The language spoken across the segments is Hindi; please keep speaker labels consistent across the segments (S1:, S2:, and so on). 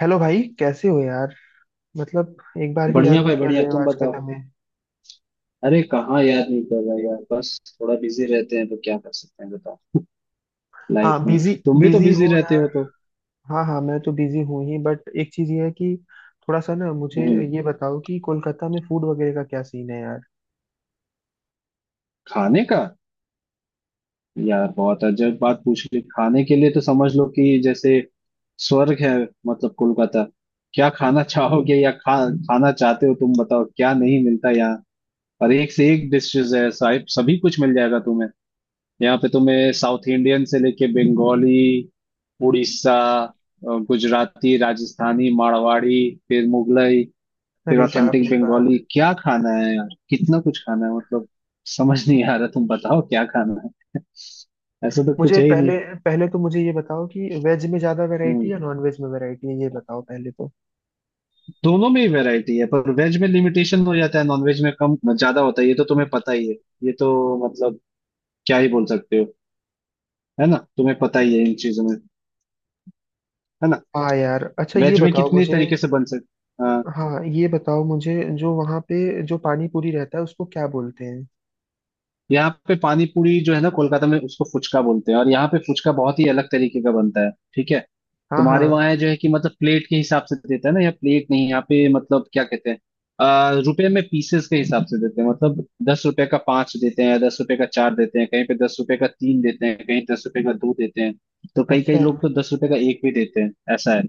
S1: हेलो भाई कैसे हो यार। मतलब, एक बार भी याद
S2: बढ़िया भाई
S1: नहीं कर
S2: बढ़िया,
S1: रहे हो
S2: तुम
S1: आजकल
S2: बताओ।
S1: हमें।
S2: अरे कहाँ याद नहीं कर रहा यार, बस थोड़ा बिजी रहते हैं तो क्या कर सकते हैं बताओ। लाइफ
S1: हाँ
S2: में।
S1: बिजी।
S2: तुम भी तो
S1: बिजी
S2: बिजी
S1: हो
S2: रहते
S1: यार।
S2: हो तो।
S1: हाँ हाँ, मैं तो बिजी हूँ ही, बट एक चीज ये है कि थोड़ा सा ना मुझे
S2: हम्म।
S1: ये बताओ कि कोलकाता में फूड वगैरह का क्या सीन है यार।
S2: खाने का? यार बहुत अजब बात पूछ ली, खाने के लिए तो समझ लो कि जैसे स्वर्ग है। मतलब कोलकाता। क्या खाना चाहोगे या खा खाना चाहते हो? तुम बताओ, क्या नहीं मिलता यहाँ। और एक से एक डिशेज है साहिब, सभी कुछ मिल जाएगा तुम्हें। यहाँ पे तुम्हें साउथ इंडियन से लेके बंगाली, उड़ीसा, गुजराती, राजस्थानी, मारवाड़ी, फिर मुगलई, फिर
S1: अरे बाप
S2: ऑथेंटिक
S1: रे बाप।
S2: बंगाली। क्या खाना है यार, कितना कुछ खाना है मतलब। समझ नहीं आ रहा, तुम बताओ क्या खाना है। ऐसा तो कुछ
S1: मुझे
S2: है ही नहीं।
S1: पहले पहले तो मुझे ये बताओ कि वेज में ज्यादा वैरायटी
S2: हम्म।
S1: या नॉन वेज में वैरायटी है, ये बताओ पहले तो।
S2: दोनों में ही वैरायटी है, पर वेज में लिमिटेशन हो जाता है, नॉन वेज में कम ज्यादा होता है, ये तो तुम्हें पता ही है। ये तो मतलब क्या ही बोल सकते हो, है ना? तुम्हें पता ही है इन चीजों में, है ना।
S1: हाँ यार, अच्छा ये
S2: वेज में
S1: बताओ
S2: कितनी
S1: मुझे।
S2: तरीके से बन सकते।
S1: हाँ ये बताओ मुझे, जो वहाँ पे जो पानी पूरी रहता है उसको क्या बोलते हैं?
S2: यहाँ पे पानी पूरी जो है ना कोलकाता में, उसको फुचका बोलते हैं, और यहाँ पे फुचका बहुत ही अलग तरीके का बनता है। ठीक है,
S1: हाँ
S2: तुम्हारे
S1: हाँ।
S2: वहाँ है जो है कि मतलब प्लेट के हिसाब से देता है ना, यहाँ प्लेट नहीं, यहाँ पे मतलब क्या कहते हैं, रुपए में पीसेस के हिसाब से देते हैं मतलब। 10 रुपए का पांच देते हैं, 10 रुपए का चार देते हैं, कहीं पे 10 रुपए का तीन देते हैं, कहीं 10 रुपए का दो देते हैं। तो कई कई
S1: अच्छा।
S2: लोग तो 10 रुपए का एक भी देते हैं, ऐसा है।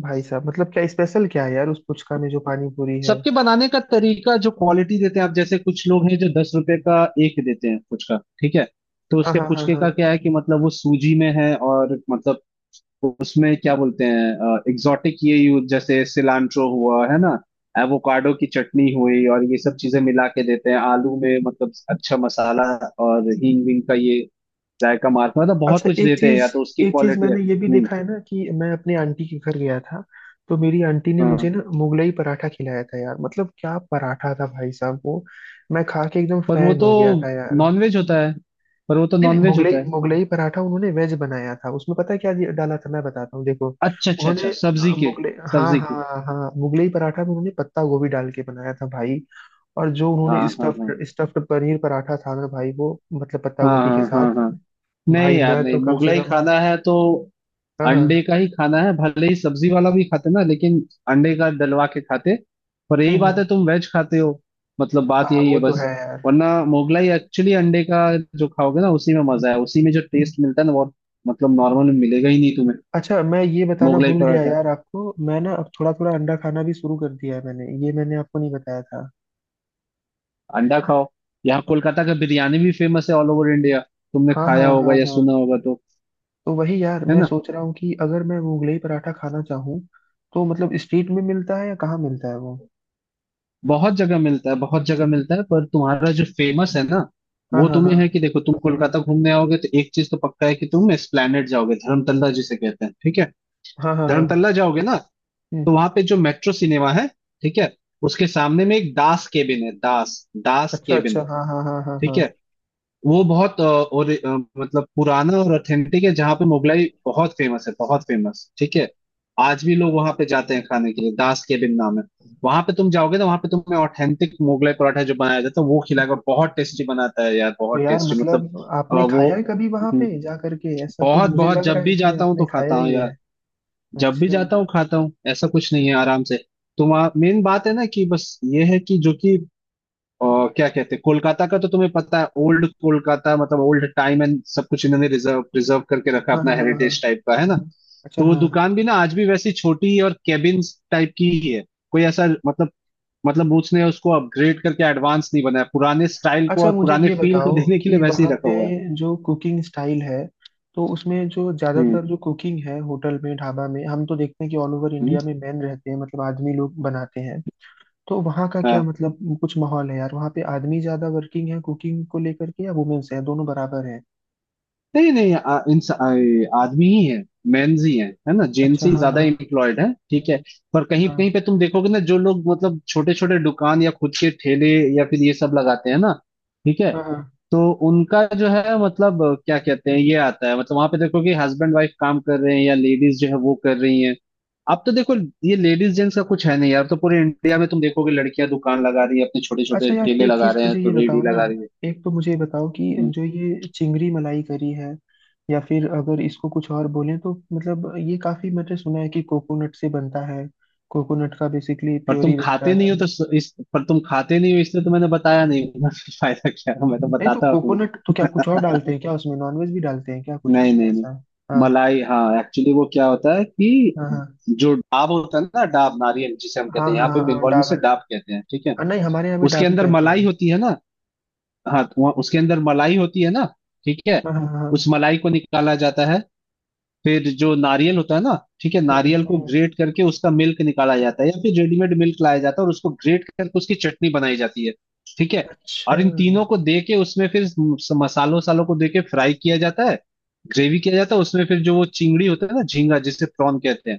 S1: भाई साहब, मतलब क्या स्पेशल क्या है यार उस पुचका में, जो पानी पूरी है?
S2: सबके बनाने का तरीका जो क्वालिटी देते हैं, आप जैसे कुछ लोग हैं जो 10 रुपए का एक देते हैं फुचका। ठीक है, तो
S1: हाँ
S2: उसके
S1: हाँ हाँ
S2: फुचके
S1: हाँ।
S2: का क्या है कि मतलब वो सूजी में है और मतलब उसमें क्या बोलते हैं एग्जॉटिक ये यूज, जैसे सिलांट्रो हुआ है ना, एवोकाडो की चटनी हुई, और ये सब चीजें मिला के देते हैं आलू में, मतलब अच्छा मसाला और हींग विंग का ये जायका मार्क, मतलब बहुत
S1: अच्छा,
S2: कुछ
S1: एक
S2: देते हैं, या
S1: चीज।
S2: तो उसकी क्वालिटी है।
S1: मैंने ये भी
S2: हम्म।
S1: देखा है ना कि मैं अपनी आंटी के घर गया था, तो मेरी आंटी ने
S2: हाँ,
S1: मुझे ना मुगलई पराठा खिलाया था यार। मतलब क्या पराठा था भाई साहब वो। मैं खा के एकदम
S2: पर वो
S1: फैन
S2: तो
S1: हो गया था यार।
S2: नॉनवेज होता है। पर वो तो
S1: नहीं नहीं,
S2: नॉनवेज
S1: मुगलई,
S2: होता है।
S1: मुगलई पराठा उन्होंने वेज बनाया था। उसमें पता है क्या डाला था, मैं बताता हूँ देखो।
S2: अच्छा अच्छा अच्छा,
S1: उन्होंने
S2: सब्जी
S1: अ,
S2: के।
S1: मुगले हाँ
S2: सब्जी के।
S1: हाँ हाँ, मुगलई पराठा में उन्होंने पत्ता गोभी डाल के बनाया था भाई। और जो
S2: हाँ
S1: उन्होंने
S2: हाँ हाँ
S1: स्टफ्ड स्टफ्ड पनीर पराठा था ना भाई, वो मतलब पत्ता
S2: हाँ
S1: गोभी के
S2: हाँ।
S1: साथ।
S2: हाँ हाँ। नहीं
S1: भाई
S2: यार,
S1: मैं
S2: नहीं
S1: तो कम से
S2: मुगलाई
S1: कम।
S2: खाना है तो
S1: हाँ
S2: अंडे
S1: हाँ।
S2: का ही खाना है, भले ही सब्जी वाला भी खाते ना, लेकिन अंडे का डलवा के खाते। पर यही
S1: हम्म
S2: बात
S1: हम्म।
S2: है, तुम वेज खाते हो, मतलब बात
S1: हाँ
S2: यही है
S1: वो तो
S2: बस।
S1: है यार।
S2: वरना मुगलाई एक्चुअली अंडे का जो खाओगे ना उसी में मजा है, उसी में जो टेस्ट मिलता है ना वो, मतलब नॉर्मल में मिलेगा ही नहीं तुम्हें।
S1: अच्छा, मैं ये बताना
S2: मुगलाई
S1: भूल गया
S2: पराठा।
S1: यार आपको, मैं ना अब थोड़ा थोड़ा अंडा खाना भी शुरू कर दिया है मैंने, ये मैंने आपको नहीं बताया था।
S2: अंडा खाओ। यहाँ कोलकाता का बिरयानी भी फेमस है, ऑल ओवर इंडिया। तुमने
S1: हाँ हाँ
S2: खाया होगा
S1: हाँ
S2: या
S1: हाँ।
S2: सुना होगा तो।
S1: तो वही यार,
S2: है
S1: मैं
S2: ना,
S1: सोच रहा हूँ कि अगर मैं वो मुगलई पराठा खाना चाहूँ, तो मतलब स्ट्रीट में मिलता है या कहाँ मिलता है वो?
S2: बहुत जगह मिलता है, बहुत जगह मिलता है, पर तुम्हारा जो फेमस है ना,
S1: हाँ
S2: वो
S1: हाँ हाँ।
S2: तुम्हें है कि देखो, तुम कोलकाता घूमने आओगे तो एक चीज तो पक्का है कि तुम एस्प्लैनेड जाओगे, धर्मतल्ला जिसे कहते हैं, ठीक है।
S1: हाँ हाँ हाँ।
S2: धर्मतल्ला जाओगे ना,
S1: हम्म।
S2: तो वहां पे जो मेट्रो सिनेमा है, ठीक है, उसके सामने में एक दास केबिन है, दास, दास
S1: अच्छा
S2: केबिन।
S1: अच्छा, हाँ हाँ हाँ हाँ
S2: ठीक
S1: हाँ।
S2: है, वो बहुत और मतलब पुराना और ऑथेंटिक है, जहाँ पे मुगलाई बहुत फेमस है, बहुत फेमस, ठीक है। आज भी लोग वहां पे जाते हैं खाने के लिए, दास केबिन नाम है। वहां पे तुम जाओगे ना, वहां पे तुम्हें ऑथेंटिक मुगलाई पराठा जो बनाया जाता है वो खिलाएगा, बहुत टेस्टी बनाता है यार,
S1: तो
S2: बहुत
S1: यार
S2: टेस्टी मतलब।
S1: मतलब आपने
S2: वो।
S1: खाया है कभी वहां
S2: हम्म,
S1: पे जा करके? ऐसा तो
S2: बहुत
S1: मुझे
S2: बहुत
S1: लग रहा
S2: जब
S1: है
S2: भी
S1: कि
S2: जाता हूँ तो
S1: आपने खाया
S2: खाता हूँ
S1: ही है।
S2: यार। जब भी
S1: अच्छा,
S2: जाता हूँ खाता हूँ, ऐसा कुछ नहीं है, आराम से। तो मेन बात है ना कि बस ये है कि जो कि, और क्या कहते हैं कोलकाता का तो तुम्हें पता है, ओल्ड कोलकाता मतलब ओल्ड टाइम एंड सब कुछ इन्होंने रिजर्व प्रिजर्व करके रखा,
S1: हाँ
S2: अपना
S1: हाँ हाँ हाँ।
S2: हेरिटेज टाइप का है ना।
S1: अच्छा
S2: तो वो
S1: हाँ।
S2: दुकान भी ना आज भी वैसी छोटी और केबिन टाइप की ही है, कोई ऐसा मतलब, मतलब बूथ्स ने उसको अपग्रेड करके एडवांस नहीं बनाया, पुराने स्टाइल को
S1: अच्छा
S2: और
S1: मुझे
S2: पुराने
S1: ये
S2: फील को
S1: बताओ
S2: देने के लिए
S1: कि
S2: वैसे ही
S1: वहाँ
S2: रखा
S1: पे
S2: हुआ है।
S1: जो कुकिंग स्टाइल है, तो उसमें जो
S2: हम्म।
S1: ज्यादातर जो कुकिंग है होटल में, ढाबा में, हम तो देखते हैं कि ऑल ओवर
S2: हम्म।
S1: इंडिया में मैन रहते हैं, मतलब आदमी लोग बनाते हैं। तो वहाँ का क्या,
S2: हाँ,
S1: मतलब कुछ माहौल है यार? वहाँ पे आदमी ज्यादा वर्किंग है कुकिंग को लेकर के, या वुमेन्स है, दोनों बराबर है?
S2: नहीं नहीं आदमी ही है, मेंस ही है ना, जेंट्स
S1: अच्छा
S2: ही
S1: हाँ
S2: ज्यादा
S1: हाँ।
S2: एम्प्लॉयड है, ठीक है। पर कहीं
S1: हाँ
S2: कहीं पे तुम देखोगे ना, जो लोग मतलब छोटे छोटे दुकान या खुद के ठेले या फिर ये सब लगाते हैं ना, ठीक है,
S1: हाँ हाँ।
S2: तो उनका जो है मतलब क्या कहते हैं ये आता है, मतलब वहां पे देखो कि हस्बैंड वाइफ काम कर रहे हैं या लेडीज जो है वो कर रही हैं। अब तो देखो, ये लेडीज जेंट्स का कुछ है नहीं यार, तो पूरे इंडिया में तुम देखोगे लड़कियां दुकान लगा रही है, अपने छोटे छोटे
S1: अच्छा यार,
S2: ठेले
S1: एक
S2: लगा
S1: चीज
S2: रहे हैं,
S1: मुझे ये
S2: तो रेडी
S1: बताओ ना।
S2: लगा रही
S1: एक तो मुझे ये बताओ कि
S2: है।
S1: जो ये चिंगरी मलाई करी है, या फिर अगर इसको कुछ और बोलें तो, मतलब ये काफी मैंने सुना है कि कोकोनट से बनता है, कोकोनट का बेसिकली
S2: पर तुम
S1: प्योरी रहता
S2: खाते
S1: है।
S2: नहीं हो, तो इस पर तुम खाते नहीं हो, इसलिए तो मैंने बताया नहीं वरना फिर फायदा क्या है, मैं तो
S1: नहीं तो
S2: बताता हूँ।
S1: कोकोनट तो, क्या कुछ और डालते हैं क्या उसमें? नॉनवेज भी डालते हैं क्या कुछ
S2: नहीं
S1: उसमें
S2: नहीं नहीं,
S1: ऐसा? हाँ।
S2: मलाई, हाँ एक्चुअली वो क्या होता है कि,
S1: हाँ हाँ
S2: जो डाब होता है ना, डाब नारियल जिसे हम
S1: हाँ
S2: कहते हैं
S1: हाँ,
S2: यहाँ पे
S1: हाँ हाँ,
S2: बंगाल में, से
S1: डाबर।
S2: डाब कहते हैं। ठीक है,
S1: और नहीं, हमारे यहाँ भी
S2: उसके
S1: डाबी
S2: अंदर
S1: कहते
S2: मलाई
S1: हैं।
S2: होती है ना, हाँ तो उसके अंदर मलाई होती है ना, ठीक है,
S1: हाँ हाँ
S2: उस
S1: हाँ।
S2: मलाई को निकाला जाता है। फिर जो नारियल होता है ना, ठीक है, नारियल को
S1: हम्म।
S2: ग्रेट करके उसका मिल्क निकाला जाता है, या फिर रेडीमेड मिल्क लाया जाता है, और उसको ग्रेट करके उसकी चटनी बनाई जाती है। ठीक है,
S1: अच्छा।
S2: और इन तीनों को दे के उसमें फिर मसालों वसालों को दे के फ्राई किया जाता है, ग्रेवी किया जाता है उसमें, फिर जो वो चिंगड़ी होता है ना, झींगा जिसे प्रॉन कहते हैं,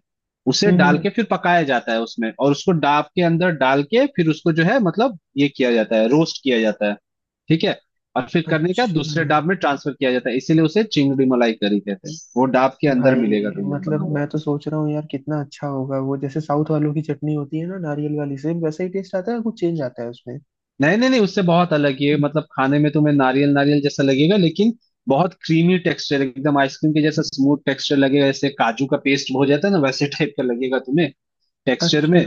S2: उसे डाल
S1: हम्म।
S2: के फिर पकाया जाता है उसमें, और उसको डाब के अंदर डाल के फिर उसको जो है मतलब ये किया जाता है, रोस्ट किया जाता है, ठीक है। और फिर करने का
S1: अच्छा
S2: दूसरे डाब में ट्रांसफर किया जाता है, इसीलिए उसे चिंगड़ी मलाई करी कहते हैं। वो डाब के अंदर
S1: भाई,
S2: मिलेगा तुम्हें बना
S1: मतलब
S2: हुआ।
S1: मैं तो सोच रहा हूँ यार कितना अच्छा होगा वो। जैसे साउथ वालों की चटनी होती है ना, नारियल वाली, सेम वैसे ही टेस्ट आता है, या कुछ चेंज आता है उसमें?
S2: नहीं नहीं नहीं, उससे बहुत अलग ये, मतलब खाने में तुम्हें नारियल नारियल जैसा लगेगा, लेकिन बहुत क्रीमी टेक्सचर, एकदम आइसक्रीम के जैसा स्मूथ टेक्सचर लगेगा, जैसे काजू का पेस्ट हो जाता है ना, वैसे टाइप का लगेगा तुम्हें, टेक्सचर
S1: अच्छा।
S2: में।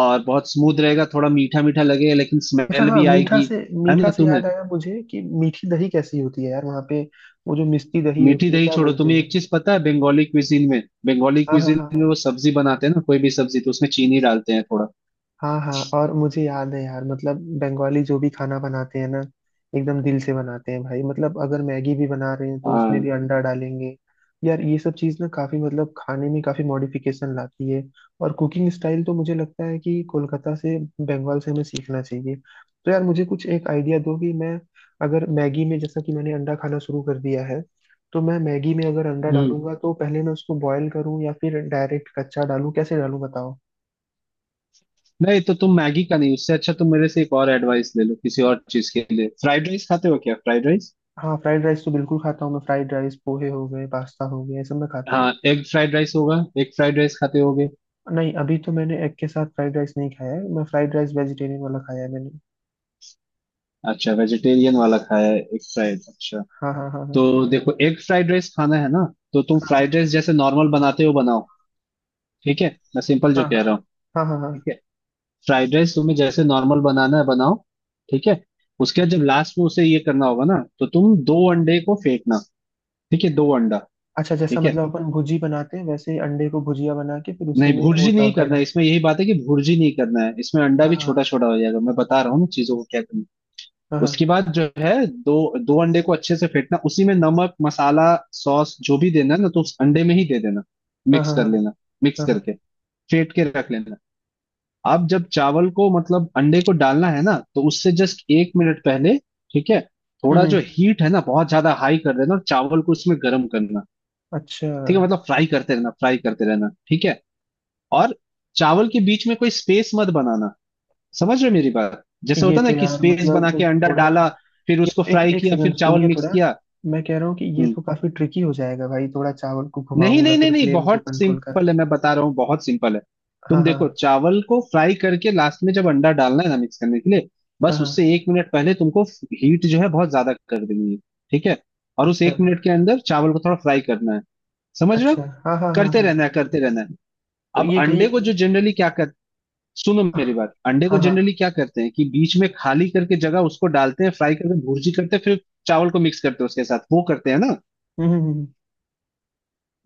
S2: और बहुत स्मूथ रहेगा, थोड़ा मीठा मीठा लगेगा, लेकिन
S1: अच्छा
S2: स्मेल
S1: हाँ,
S2: भी
S1: मीठा
S2: आएगी।
S1: से,
S2: है
S1: मीठा
S2: ना
S1: से
S2: तुम्हें?
S1: याद आया मुझे कि मीठी दही कैसी होती है यार वहाँ पे? वो जो मिष्टी दही
S2: मीठी
S1: होती है,
S2: दही
S1: क्या
S2: छोड़ो,
S1: बोलते
S2: तुम्हें एक
S1: हैं?
S2: चीज पता है बंगाली क्विजीन में, बंगाली
S1: हाँ हाँ
S2: क्विजीन
S1: हाँ
S2: में
S1: हाँ।
S2: वो सब्जी बनाते हैं ना, कोई भी सब्जी, तो उसमें चीनी डालते हैं थोड़ा।
S1: हाँ हाँ, और मुझे याद है यार, मतलब बंगाली जो भी खाना बनाते हैं ना, एकदम दिल से बनाते हैं भाई। मतलब अगर मैगी भी बना रहे हैं, तो उसमें
S2: हाँ।
S1: भी अंडा डालेंगे। यार ये सब चीज़ ना काफ़ी, मतलब खाने में काफ़ी मॉडिफिकेशन लाती है। और कुकिंग स्टाइल तो मुझे लगता है कि कोलकाता से, बंगाल से हमें सीखना चाहिए। तो यार मुझे कुछ एक आइडिया दो कि मैं, अगर मैगी में, जैसा कि मैंने अंडा खाना शुरू कर दिया है, तो मैं मैगी में अगर अंडा
S2: हम्म।
S1: डालूंगा तो पहले मैं उसको बॉयल करूँ या फिर डायरेक्ट कच्चा डालूँ? कैसे डालूँ बताओ।
S2: नहीं तो तुम मैगी का नहीं, उससे अच्छा तुम मेरे से एक और एडवाइस ले लो किसी और चीज के लिए। फ्राइड राइस खाते हो क्या, फ्राइड राइस?
S1: हाँ, फ्राइड राइस तो बिल्कुल खाता हूँ मैं। फ्राइड राइस, पोहे हो गए, पास्ता हो गया, ये सब मैं खाता हूँ।
S2: हाँ, एग फ्राइड राइस होगा, एग फ्राइड राइस खाते होगे।
S1: नहीं, अभी तो मैंने एग के साथ फ्राइड राइस नहीं खाया है। मैं फ्राइड राइस वेजिटेरियन वाला खाया है मैंने।
S2: अच्छा, वेजिटेरियन वाला खाया है, एग फ्राइड, अच्छा।
S1: हाँ हाँ हाँ हाँ।
S2: तो देखो, एग फ्राइड राइस खाना है ना, तो तुम
S1: हाँ
S2: फ्राइड राइस जैसे नॉर्मल बनाते हो बनाओ, ठीक है, मैं सिंपल
S1: हाँ
S2: जो कह
S1: हाँ
S2: रहा हूँ,
S1: हाँ हाँ
S2: ठीक
S1: हाँ।
S2: है। फ्राइड राइस तुम्हें जैसे नॉर्मल बनाना है बनाओ, ठीक है। उसके बाद जब लास्ट में उसे ये करना होगा ना, तो तुम दो अंडे को फेंकना, ठीक है, दो अंडा,
S1: अच्छा, जैसा
S2: ठीक है।
S1: मतलब अपन भुजी बनाते हैं, वैसे ही अंडे को भुजिया बना के फिर उसी
S2: नहीं,
S1: में वो
S2: भुर्जी नहीं
S1: डालकर
S2: करना
S1: डाल।
S2: है इसमें, यही बात है कि भुर्जी नहीं करना है इसमें, अंडा भी छोटा
S1: हाँ
S2: छोटा हो जाएगा, मैं बता रहा हूँ ना चीजों को क्या करना है।
S1: हाँ हाँ। हाँ
S2: उसके बाद जो है दो दो अंडे को अच्छे से फेंटना, उसी में नमक मसाला सॉस जो भी देना है ना, तो उस अंडे में ही दे देना,
S1: हाँ
S2: मिक्स
S1: हाँ।
S2: कर
S1: हाँ
S2: लेना, मिक्स
S1: हाँ हाँ।
S2: करके फेंट के रख लेना। अब जब चावल को मतलब अंडे को डालना है ना, तो उससे जस्ट 1 मिनट पहले, ठीक है, थोड़ा
S1: हम्म।
S2: जो हीट है ना बहुत ज्यादा हाई कर देना, और चावल को उसमें गर्म करना,
S1: अच्छा।
S2: ठीक है, मतलब फ्राई करते रहना, फ्राई करते रहना, ठीक है। और चावल के बीच में कोई स्पेस मत बनाना, समझ रहे हो मेरी बात, जैसे
S1: ये
S2: होता है ना
S1: तो
S2: कि
S1: यार,
S2: स्पेस बना के
S1: मतलब
S2: अंडा
S1: थोड़ा,
S2: डाला, फिर
S1: ये
S2: उसको
S1: तो एक
S2: फ्राई
S1: एक
S2: किया, फिर
S1: सेकंड
S2: चावल
S1: सुनिए
S2: मिक्स
S1: थोड़ा।
S2: किया।
S1: मैं कह रहा हूँ कि ये
S2: हम्म।
S1: तो काफी ट्रिकी हो जाएगा भाई, थोड़ा चावल को
S2: नहीं
S1: घुमाऊंगा
S2: नहीं नहीं
S1: फिर
S2: नहीं,
S1: फ्लेम को
S2: बहुत
S1: कंट्रोल।
S2: सिंपल है मैं बता रहा हूँ, बहुत सिंपल है।
S1: हाँ
S2: तुम
S1: हाँ।
S2: देखो, चावल को फ्राई करके लास्ट में जब अंडा डालना है ना मिक्स करने के लिए,
S1: हाँ
S2: बस उससे
S1: हाँ।
S2: 1 मिनट पहले तुमको हीट जो है बहुत ज्यादा कर देनी है, ठीक है, और उस
S1: अच्छा।
S2: 1 मिनट के अंदर चावल को थोड़ा फ्राई करना है, समझ रहे
S1: अच्छा
S2: हो,
S1: हाँ हाँ हाँ
S2: करते
S1: हाँ।
S2: रहना है, करते रहना है।
S1: तो
S2: अब
S1: ये कहीं।
S2: अंडे को जो जनरली क्या करते, सुनो मेरी बात, अंडे को
S1: हाँ
S2: जनरली
S1: हाँ।
S2: क्या करते हैं कि बीच में खाली करके जगह उसको डालते हैं, फ्राई करके भुर्जी करते हैं, फिर चावल को मिक्स करते हैं उसके साथ, वो करते हैं ना?
S1: हम्म हम्म, हम्म।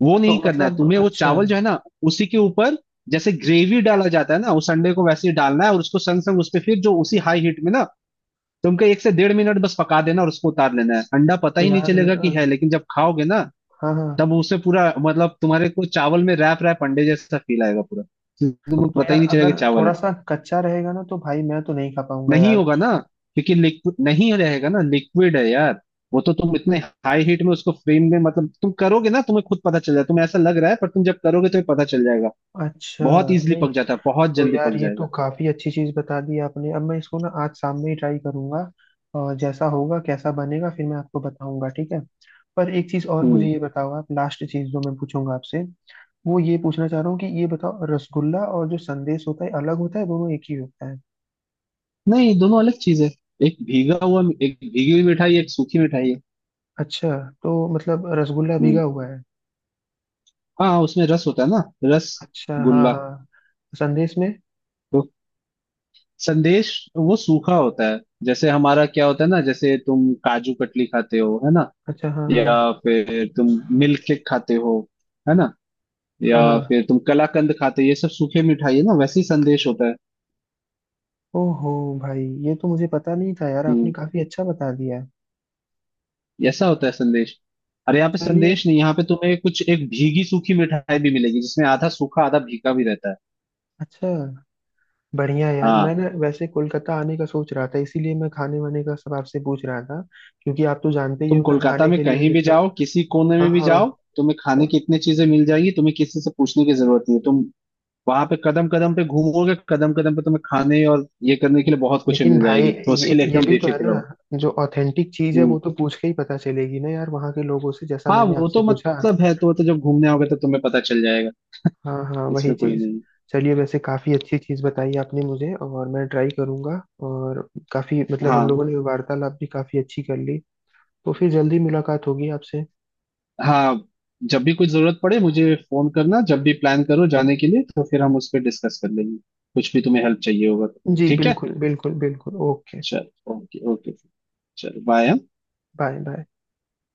S2: वो
S1: तो
S2: नहीं करना है
S1: मतलब,
S2: तुम्हें, वो
S1: अच्छा।
S2: चावल जो है ना उसी के ऊपर, जैसे ग्रेवी डाला जाता है ना उस अंडे को, वैसे ही डालना है और उसको संग संग उस पे फिर जो उसी हाई हीट में ना, तुमको 1 से 1.5 मिनट बस पका देना, और उसको उतार लेना है, अंडा पता
S1: तो
S2: ही नहीं
S1: यार
S2: चलेगा कि है, लेकिन जब खाओगे ना,
S1: हाँ हाँ।
S2: तब उसे पूरा मतलब तुम्हारे को चावल में रैप रैप अंडे जैसा फील आएगा पूरा, तुमको
S1: तो
S2: पता ही
S1: यार
S2: नहीं चलेगा
S1: अगर
S2: कि चावल है।
S1: थोड़ा सा कच्चा रहेगा ना, तो भाई मैं तो नहीं खा पाऊंगा
S2: नहीं
S1: यार।
S2: होगा ना, क्योंकि लिक्विड नहीं रहेगा ना, लिक्विड है यार, वो तो तुम इतने हाई हीट में उसको फ्रेम में मतलब तुम करोगे ना, तुम्हें खुद पता चल जाएगा, तुम्हें ऐसा लग रहा है पर तुम जब करोगे तुम्हें पता चल जाएगा,
S1: अच्छा।
S2: बहुत इजीली पक
S1: नहीं,
S2: जाता है, बहुत
S1: तो
S2: जल्दी
S1: यार
S2: पक
S1: ये तो
S2: जाएगा।
S1: काफी अच्छी चीज बता दी आपने। अब मैं इसको ना आज शाम में ही ट्राई करूंगा, और जैसा होगा, कैसा बनेगा, फिर मैं आपको बताऊंगा, ठीक है? पर एक चीज और मुझे
S2: हम्म।
S1: ये बताओ आप, लास्ट चीज जो मैं पूछूंगा आपसे, वो ये पूछना चाह रहा हूँ कि ये बताओ, रसगुल्ला और जो संदेश होता है, अलग होता है, दोनों एक ही होता है?
S2: नहीं दोनों अलग चीज है, एक भीगा हुआ, एक भीगी हुई मिठाई, एक सूखी मिठाई है।
S1: अच्छा। तो मतलब रसगुल्ला
S2: हम्म।
S1: भीगा हुआ है?
S2: हाँ, उसमें रस होता है ना, रस
S1: अच्छा हाँ
S2: गुल्ला।
S1: हाँ। संदेश में।
S2: तो संदेश, वो सूखा होता है, जैसे हमारा क्या होता है ना, जैसे तुम काजू कतली खाते हो, है ना,
S1: अच्छा हाँ हाँ
S2: या फिर तुम मिल्क केक खाते हो, है ना, या
S1: हाँ हाँ।
S2: फिर तुम कलाकंद खाते हो, ये सब सूखे मिठाई है ना, वैसे ही संदेश होता है।
S1: ओहो। भाई ये तो मुझे पता नहीं था यार, आपने
S2: हम्म,
S1: काफी अच्छा बता दिया।
S2: ऐसा होता है संदेश। अरे यहाँ पे
S1: चलिए।
S2: संदेश नहीं, यहाँ पे तुम्हें कुछ एक भीगी सूखी मिठाई भी मिलेगी, जिसमें आधा सूखा आधा भीगा भी रहता है।
S1: अच्छा। बढ़िया यार, मैं
S2: हाँ,
S1: ना वैसे कोलकाता आने का सोच रहा था, इसीलिए मैं खाने वाने का सब आपसे पूछ रहा था। क्योंकि आप तो जानते ही
S2: तुम
S1: हो मैं
S2: कोलकाता
S1: खाने
S2: में
S1: के लिए
S2: कहीं भी
S1: कितना।
S2: जाओ, किसी कोने
S1: हाँ
S2: में भी
S1: हाँ।
S2: जाओ, तुम्हें खाने की इतनी चीजें मिल जाएगी, तुम्हें किसी से पूछने की जरूरत नहीं है, तुम वहां पे कदम कदम पे घूमोगे, कदम कदम पे तुम्हें खाने और ये करने के लिए बहुत कुछ
S1: लेकिन
S2: मिल
S1: भाई,
S2: जाएगी, तो उसके
S1: ये
S2: लिए
S1: ये
S2: एकदम
S1: भी तो है
S2: बेफिक्र रहो।
S1: ना, जो ऑथेंटिक चीज है
S2: हम्म।
S1: वो तो पूछ के ही पता चलेगी ना यार, वहाँ के लोगों से, जैसा
S2: हाँ
S1: मैंने
S2: वो
S1: आपसे
S2: तो
S1: पूछा।
S2: मतलब है तो, वो तो जब घूमने आओगे तो तुम्हें पता चल जाएगा,
S1: हाँ हाँ, वही
S2: इसमें कोई
S1: चीज।
S2: नहीं।
S1: चलिए, वैसे काफी अच्छी चीज बताई आपने मुझे, और मैं ट्राई करूंगा। और काफी मतलब
S2: हाँ
S1: हम लोगों ने वार्तालाप भी काफी अच्छी कर ली। तो फिर जल्दी मुलाकात होगी आपसे।
S2: हाँ, जब भी कुछ जरूरत पड़े मुझे फोन करना, जब भी प्लान करो जाने के लिए, तो फिर हम उस पर डिस्कस कर लेंगे, कुछ भी तुम्हें हेल्प चाहिए होगा तो।
S1: जी,
S2: ठीक है,
S1: बिल्कुल बिल्कुल बिल्कुल। ओके।
S2: चल, ओके ओके, चल बाय।
S1: Bye bye.